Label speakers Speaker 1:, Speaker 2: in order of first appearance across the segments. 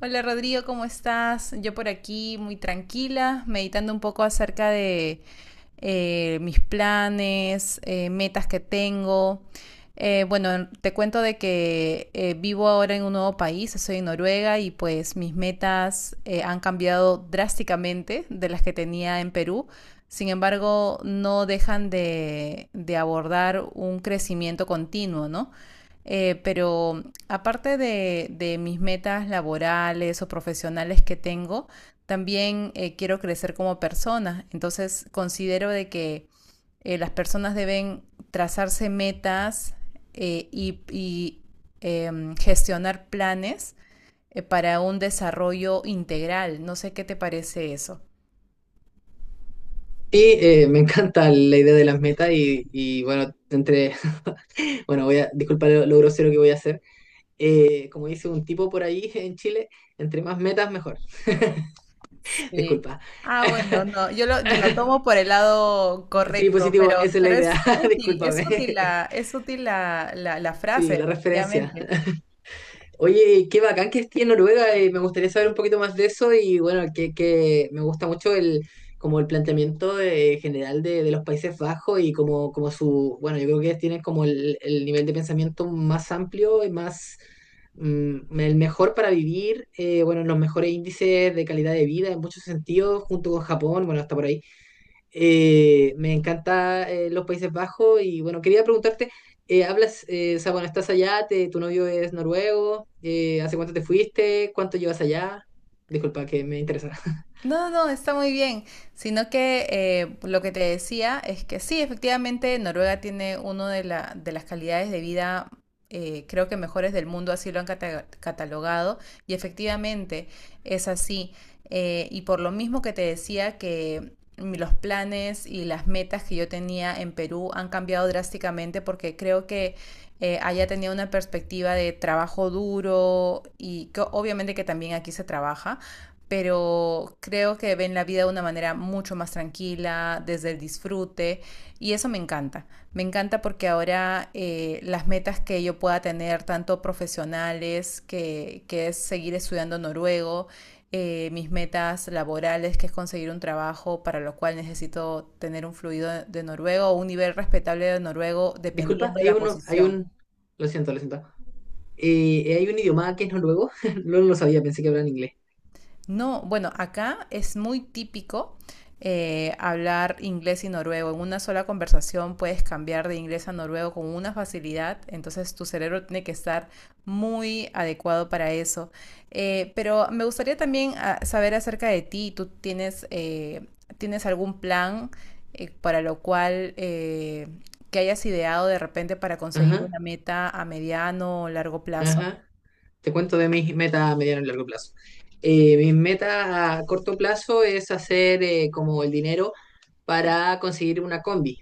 Speaker 1: Hola Rodrigo, ¿cómo estás? Yo por aquí muy tranquila, meditando un poco acerca de mis planes, metas que tengo. Bueno, te cuento de que vivo ahora en un nuevo país, soy en Noruega y pues mis metas han cambiado drásticamente de las que tenía en Perú. Sin embargo, no dejan de abordar un crecimiento continuo, ¿no? Pero aparte de mis metas laborales o profesionales que tengo, también quiero crecer como persona. Entonces considero de que las personas deben trazarse metas eh, y, y eh, gestionar planes para un desarrollo integral. No sé qué te parece eso.
Speaker 2: Me encanta la idea de las metas bueno, bueno, disculpa lo grosero que voy a hacer. Como dice un tipo por ahí en Chile, entre más metas mejor.
Speaker 1: Sí.
Speaker 2: Disculpa.
Speaker 1: Ah, bueno, no, yo lo tomo por el lado
Speaker 2: Sí,
Speaker 1: correcto,
Speaker 2: positivo, esa es la
Speaker 1: pero
Speaker 2: idea.
Speaker 1: es útil, es
Speaker 2: Discúlpame.
Speaker 1: útil es útil la
Speaker 2: Sí,
Speaker 1: frase,
Speaker 2: la referencia.
Speaker 1: definitivamente.
Speaker 2: Oye, qué bacán que esté en Noruega, me gustaría saber un poquito más de eso y bueno, que me gusta mucho como el planteamiento general de los Países Bajos y como, como su, bueno, yo creo que tienen como el nivel de pensamiento más amplio y el mejor para vivir, bueno, los mejores índices de calidad de vida en muchos sentidos, junto con Japón, bueno, hasta por ahí. Me encanta los Países Bajos y bueno, quería preguntarte, hablas, o sea, bueno, estás allá, tu novio es noruego, ¿hace cuánto te fuiste? ¿Cuánto llevas allá? Disculpa, que me interesa.
Speaker 1: No, no, está muy bien. Sino que lo que te decía es que sí, efectivamente, Noruega tiene una de las calidades de vida, creo que mejores del mundo, así lo han catalogado, y efectivamente es así. Y por lo mismo que te decía que los planes y las metas que yo tenía en Perú han cambiado drásticamente porque creo que allá tenía una perspectiva de trabajo duro y que obviamente que también aquí se trabaja, pero creo que ven la vida de una manera mucho más tranquila, desde el disfrute, y eso me encanta. Me encanta porque ahora las metas que yo pueda tener, tanto profesionales, que es seguir estudiando noruego, mis metas laborales, que es conseguir un trabajo para lo cual necesito tener un fluido de noruego o un nivel respetable de noruego,
Speaker 2: Disculpa,
Speaker 1: dependiendo de
Speaker 2: hay
Speaker 1: la
Speaker 2: uno,
Speaker 1: posición.
Speaker 2: lo siento, lo siento. Hay un idioma que es noruego, no lo sabía, pensé que hablaban inglés.
Speaker 1: No, bueno, acá es muy típico hablar inglés y noruego. En una sola conversación puedes cambiar de inglés a noruego con una facilidad, entonces tu cerebro tiene que estar muy adecuado para eso. Pero me gustaría también ah, saber acerca de ti. ¿Tú tienes, tienes algún plan para lo cual que hayas ideado de repente para conseguir
Speaker 2: Ajá,
Speaker 1: una meta a mediano o largo plazo?
Speaker 2: ajá. Te cuento de mis metas a mediano y largo plazo. Mi meta a corto plazo es hacer como el dinero para conseguir una combi.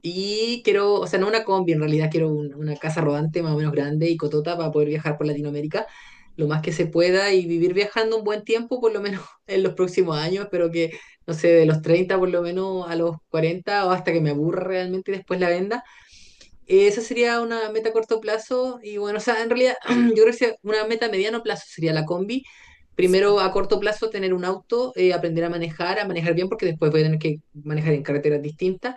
Speaker 2: Y quiero, o sea, no una combi, en realidad quiero una casa rodante más o menos grande y cotota para poder viajar por Latinoamérica lo más que se pueda y vivir viajando un buen tiempo, por lo menos en los próximos años, pero que, no sé, de los 30 por lo menos a los 40 o hasta que me aburra realmente y después la venda esa sería una meta a corto plazo y bueno, o sea, en realidad yo creo que sea una meta a mediano plazo sería la combi. Primero, a corto plazo, tener un auto, aprender a manejar bien, porque después voy a tener que manejar en carreteras distintas.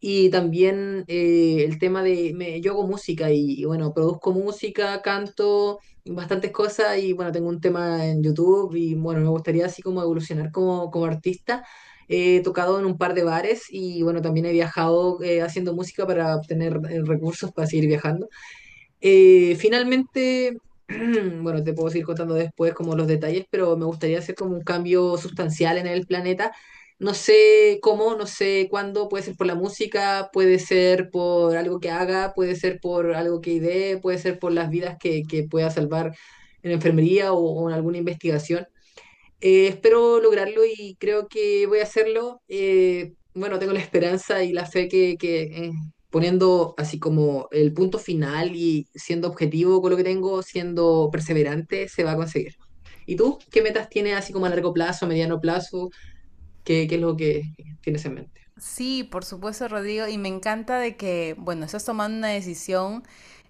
Speaker 2: Y también el tema de, yo hago música bueno, produzco música, canto, bastantes cosas y bueno, tengo un tema en YouTube y bueno, me gustaría así como evolucionar como, como artista. He tocado en un par de bares y bueno, también he viajado haciendo música para obtener recursos para seguir viajando. Finalmente, bueno, te puedo seguir contando después como los detalles, pero me gustaría hacer como un cambio sustancial en el planeta. No sé cómo, no sé cuándo, puede ser por la música, puede ser por algo que haga, puede ser por algo que idee, puede ser por las vidas que pueda salvar en enfermería o en alguna investigación. Espero lograrlo y creo que voy a hacerlo. Bueno, tengo la esperanza y la fe que, poniendo así como el punto final y siendo objetivo con lo que tengo, siendo perseverante, se va a conseguir. ¿Y tú qué metas tienes así como a largo plazo, mediano plazo? Qué es lo que tienes en mente?
Speaker 1: Sí, por supuesto, Rodrigo, y me encanta de que, bueno, estás tomando una decisión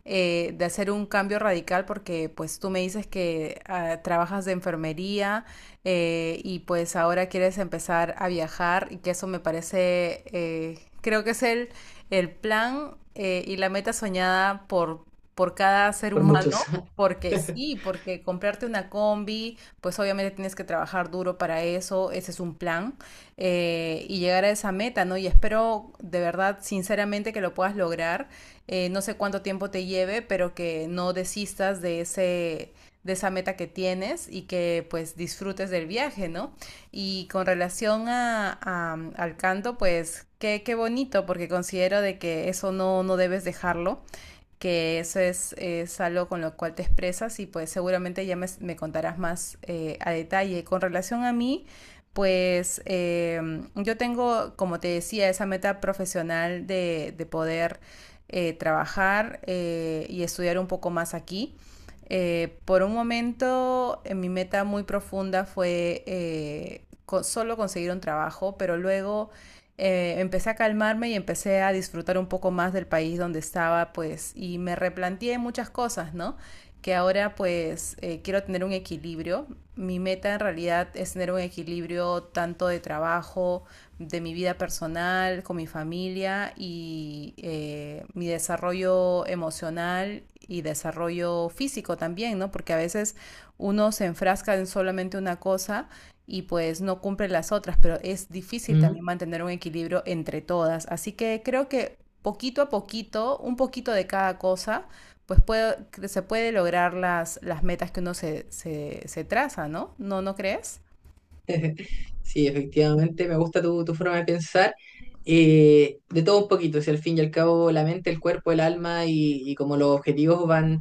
Speaker 1: de hacer un cambio radical porque pues tú me dices que ah, trabajas de enfermería, y pues ahora quieres empezar a viajar y que eso me parece, creo que es el plan y la meta soñada por cada ser
Speaker 2: Por
Speaker 1: humano.
Speaker 2: muchos.
Speaker 1: Porque sí, porque comprarte una combi, pues obviamente tienes que trabajar duro para eso, ese es un plan, y llegar a esa meta, ¿no? Y espero de verdad, sinceramente, que lo puedas lograr. No sé cuánto tiempo te lleve, pero que no desistas de ese, de esa meta que tienes y que pues disfrutes del viaje, ¿no? Y con relación al canto, pues qué, qué bonito, porque considero de que eso no, no debes dejarlo, que eso es algo con lo cual te expresas y pues seguramente ya me contarás más a detalle. Con relación a mí, pues yo tengo, como te decía, esa meta profesional de poder trabajar y estudiar un poco más aquí. Por un momento, mi meta muy profunda fue solo conseguir un trabajo, pero luego empecé a calmarme y empecé a disfrutar un poco más del país donde estaba, pues, y me replanteé muchas cosas, ¿no? Que ahora, pues, quiero tener un equilibrio. Mi meta en realidad es tener un equilibrio tanto de trabajo, de mi vida personal, con mi familia y mi desarrollo emocional y desarrollo físico también, ¿no? Porque a veces uno se enfrasca en solamente una cosa y pues no cumple las otras, pero es difícil también
Speaker 2: Ujú.
Speaker 1: mantener un equilibrio entre todas. Así que creo que poquito a poquito, un poquito de cada cosa, pues puede- se puede lograr las metas que uno se traza, ¿no? ¿No, no crees?
Speaker 2: Sí, efectivamente, me gusta tu forma de pensar. De todo un poquito, si al fin y al cabo la mente, el cuerpo, el alma y como los objetivos van,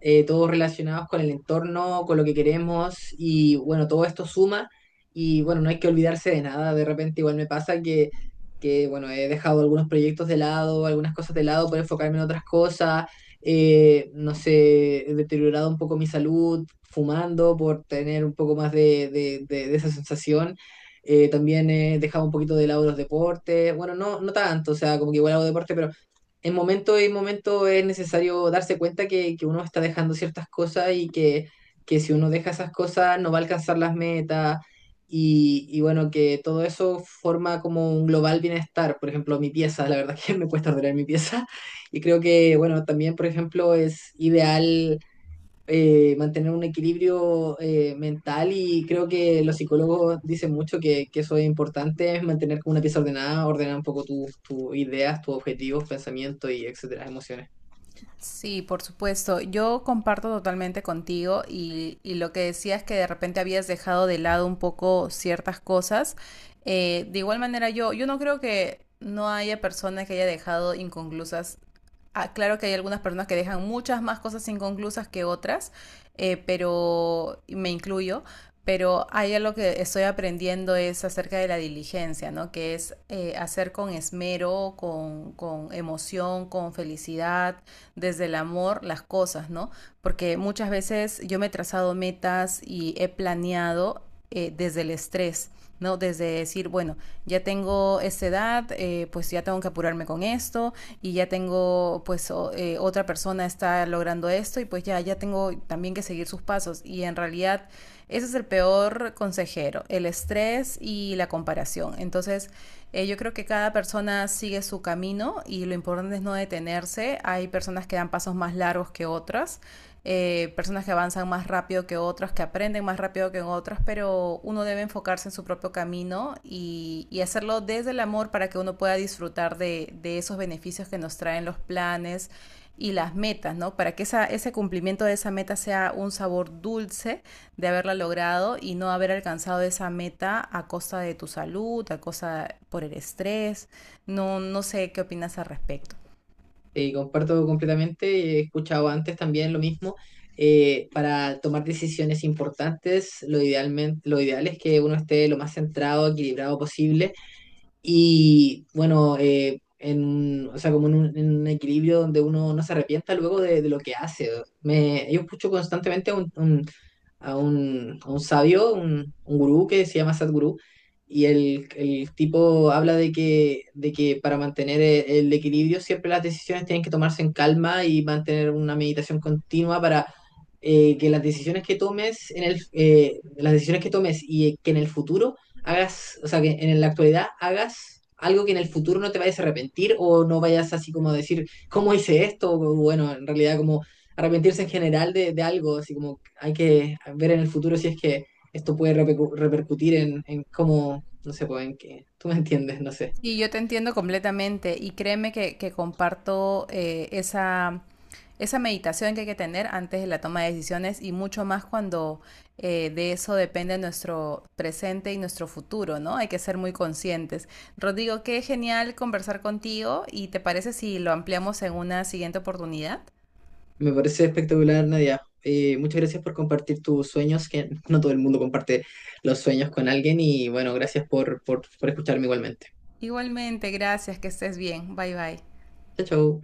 Speaker 2: todos relacionados con el entorno, con lo que queremos y bueno, todo esto suma y bueno, no hay que olvidarse de nada, de repente igual me pasa que bueno, he dejado algunos proyectos de lado, algunas cosas de lado por enfocarme en otras cosas, no sé, he deteriorado un poco mi salud fumando por tener un poco más de esa sensación. También he dejado un poquito de lado los deportes, bueno, no, no tanto, o sea, como que igual hago deporte, pero en momento es necesario darse cuenta que uno está dejando ciertas cosas y que si uno deja esas cosas no va a alcanzar las metas y bueno, que todo eso forma como un global bienestar. Por ejemplo, mi pieza, la verdad que me cuesta ordenar mi pieza y creo que bueno, también por ejemplo es ideal mantener un equilibrio mental y creo que los psicólogos dicen mucho que eso es importante, es mantener como una pieza ordenada, ordenar un poco tus ideas, tus objetivos, pensamientos y etcétera, emociones.
Speaker 1: Sí, por supuesto. Yo comparto totalmente contigo y lo que decías que de repente habías dejado de lado un poco ciertas cosas. De igual manera, yo no creo que no haya personas que haya dejado inconclusas. Ah, claro que hay algunas personas que dejan muchas más cosas inconclusas que otras, pero y me incluyo. Pero hay algo que estoy aprendiendo es acerca de la diligencia, ¿no? Que es hacer con esmero, con emoción, con felicidad, desde el amor las cosas, ¿no? Porque muchas veces yo me he trazado metas y he planeado desde el estrés. ¿No? Desde decir, bueno, ya tengo esta edad, pues ya tengo que apurarme con esto, y ya tengo, pues o, otra persona está logrando esto, y pues ya, ya tengo también que seguir sus pasos. Y en realidad, ese es el peor consejero, el estrés y la comparación. Entonces, yo creo que cada persona sigue su camino y lo importante es no detenerse. Hay personas que dan pasos más largos que otras, personas que avanzan más rápido que otras, que aprenden más rápido que otras, pero uno debe enfocarse en su propio camino y hacerlo desde el amor para que uno pueda disfrutar esos beneficios que nos traen los planes y las metas, ¿no? Para que esa, ese cumplimiento de esa meta sea un sabor dulce de haberla logrado y no haber alcanzado esa meta a costa de tu salud, a costa por el estrés. No, no sé qué opinas al respecto.
Speaker 2: Y comparto completamente, he escuchado antes también lo mismo. Para tomar decisiones importantes, lo, idealmente, lo ideal es que uno esté lo más centrado, equilibrado posible. Y bueno, o sea, como en en un equilibrio donde uno no se arrepienta luego de lo que hace. Yo escucho constantemente a a un sabio, un gurú que se llama Sadhguru, y el tipo habla de que para mantener el equilibrio siempre las decisiones tienen que tomarse en calma y mantener una meditación continua para que las decisiones que tomes en las decisiones que tomes y que en el futuro hagas, o sea, que en la actualidad hagas algo que en el futuro no te vayas a arrepentir o no vayas así como a decir, ¿cómo hice esto? O, bueno, en realidad como arrepentirse en general de algo, así como hay que ver en el futuro si es que esto puede repercutir en cómo, no sé, pues en qué, tú me entiendes, no sé.
Speaker 1: Sí, yo te entiendo completamente y créeme que comparto esa, esa meditación que hay que tener antes de la toma de decisiones y mucho más cuando de eso depende nuestro presente y nuestro futuro, ¿no? Hay que ser muy conscientes. Rodrigo, qué genial conversar contigo y te parece si lo ampliamos en una siguiente oportunidad.
Speaker 2: Me parece espectacular, Nadia. Muchas gracias por compartir tus sueños, que no todo el mundo comparte los sueños con alguien y bueno, gracias por escucharme igualmente.
Speaker 1: Igualmente, gracias, que estés bien. Bye bye.
Speaker 2: Chao, chao.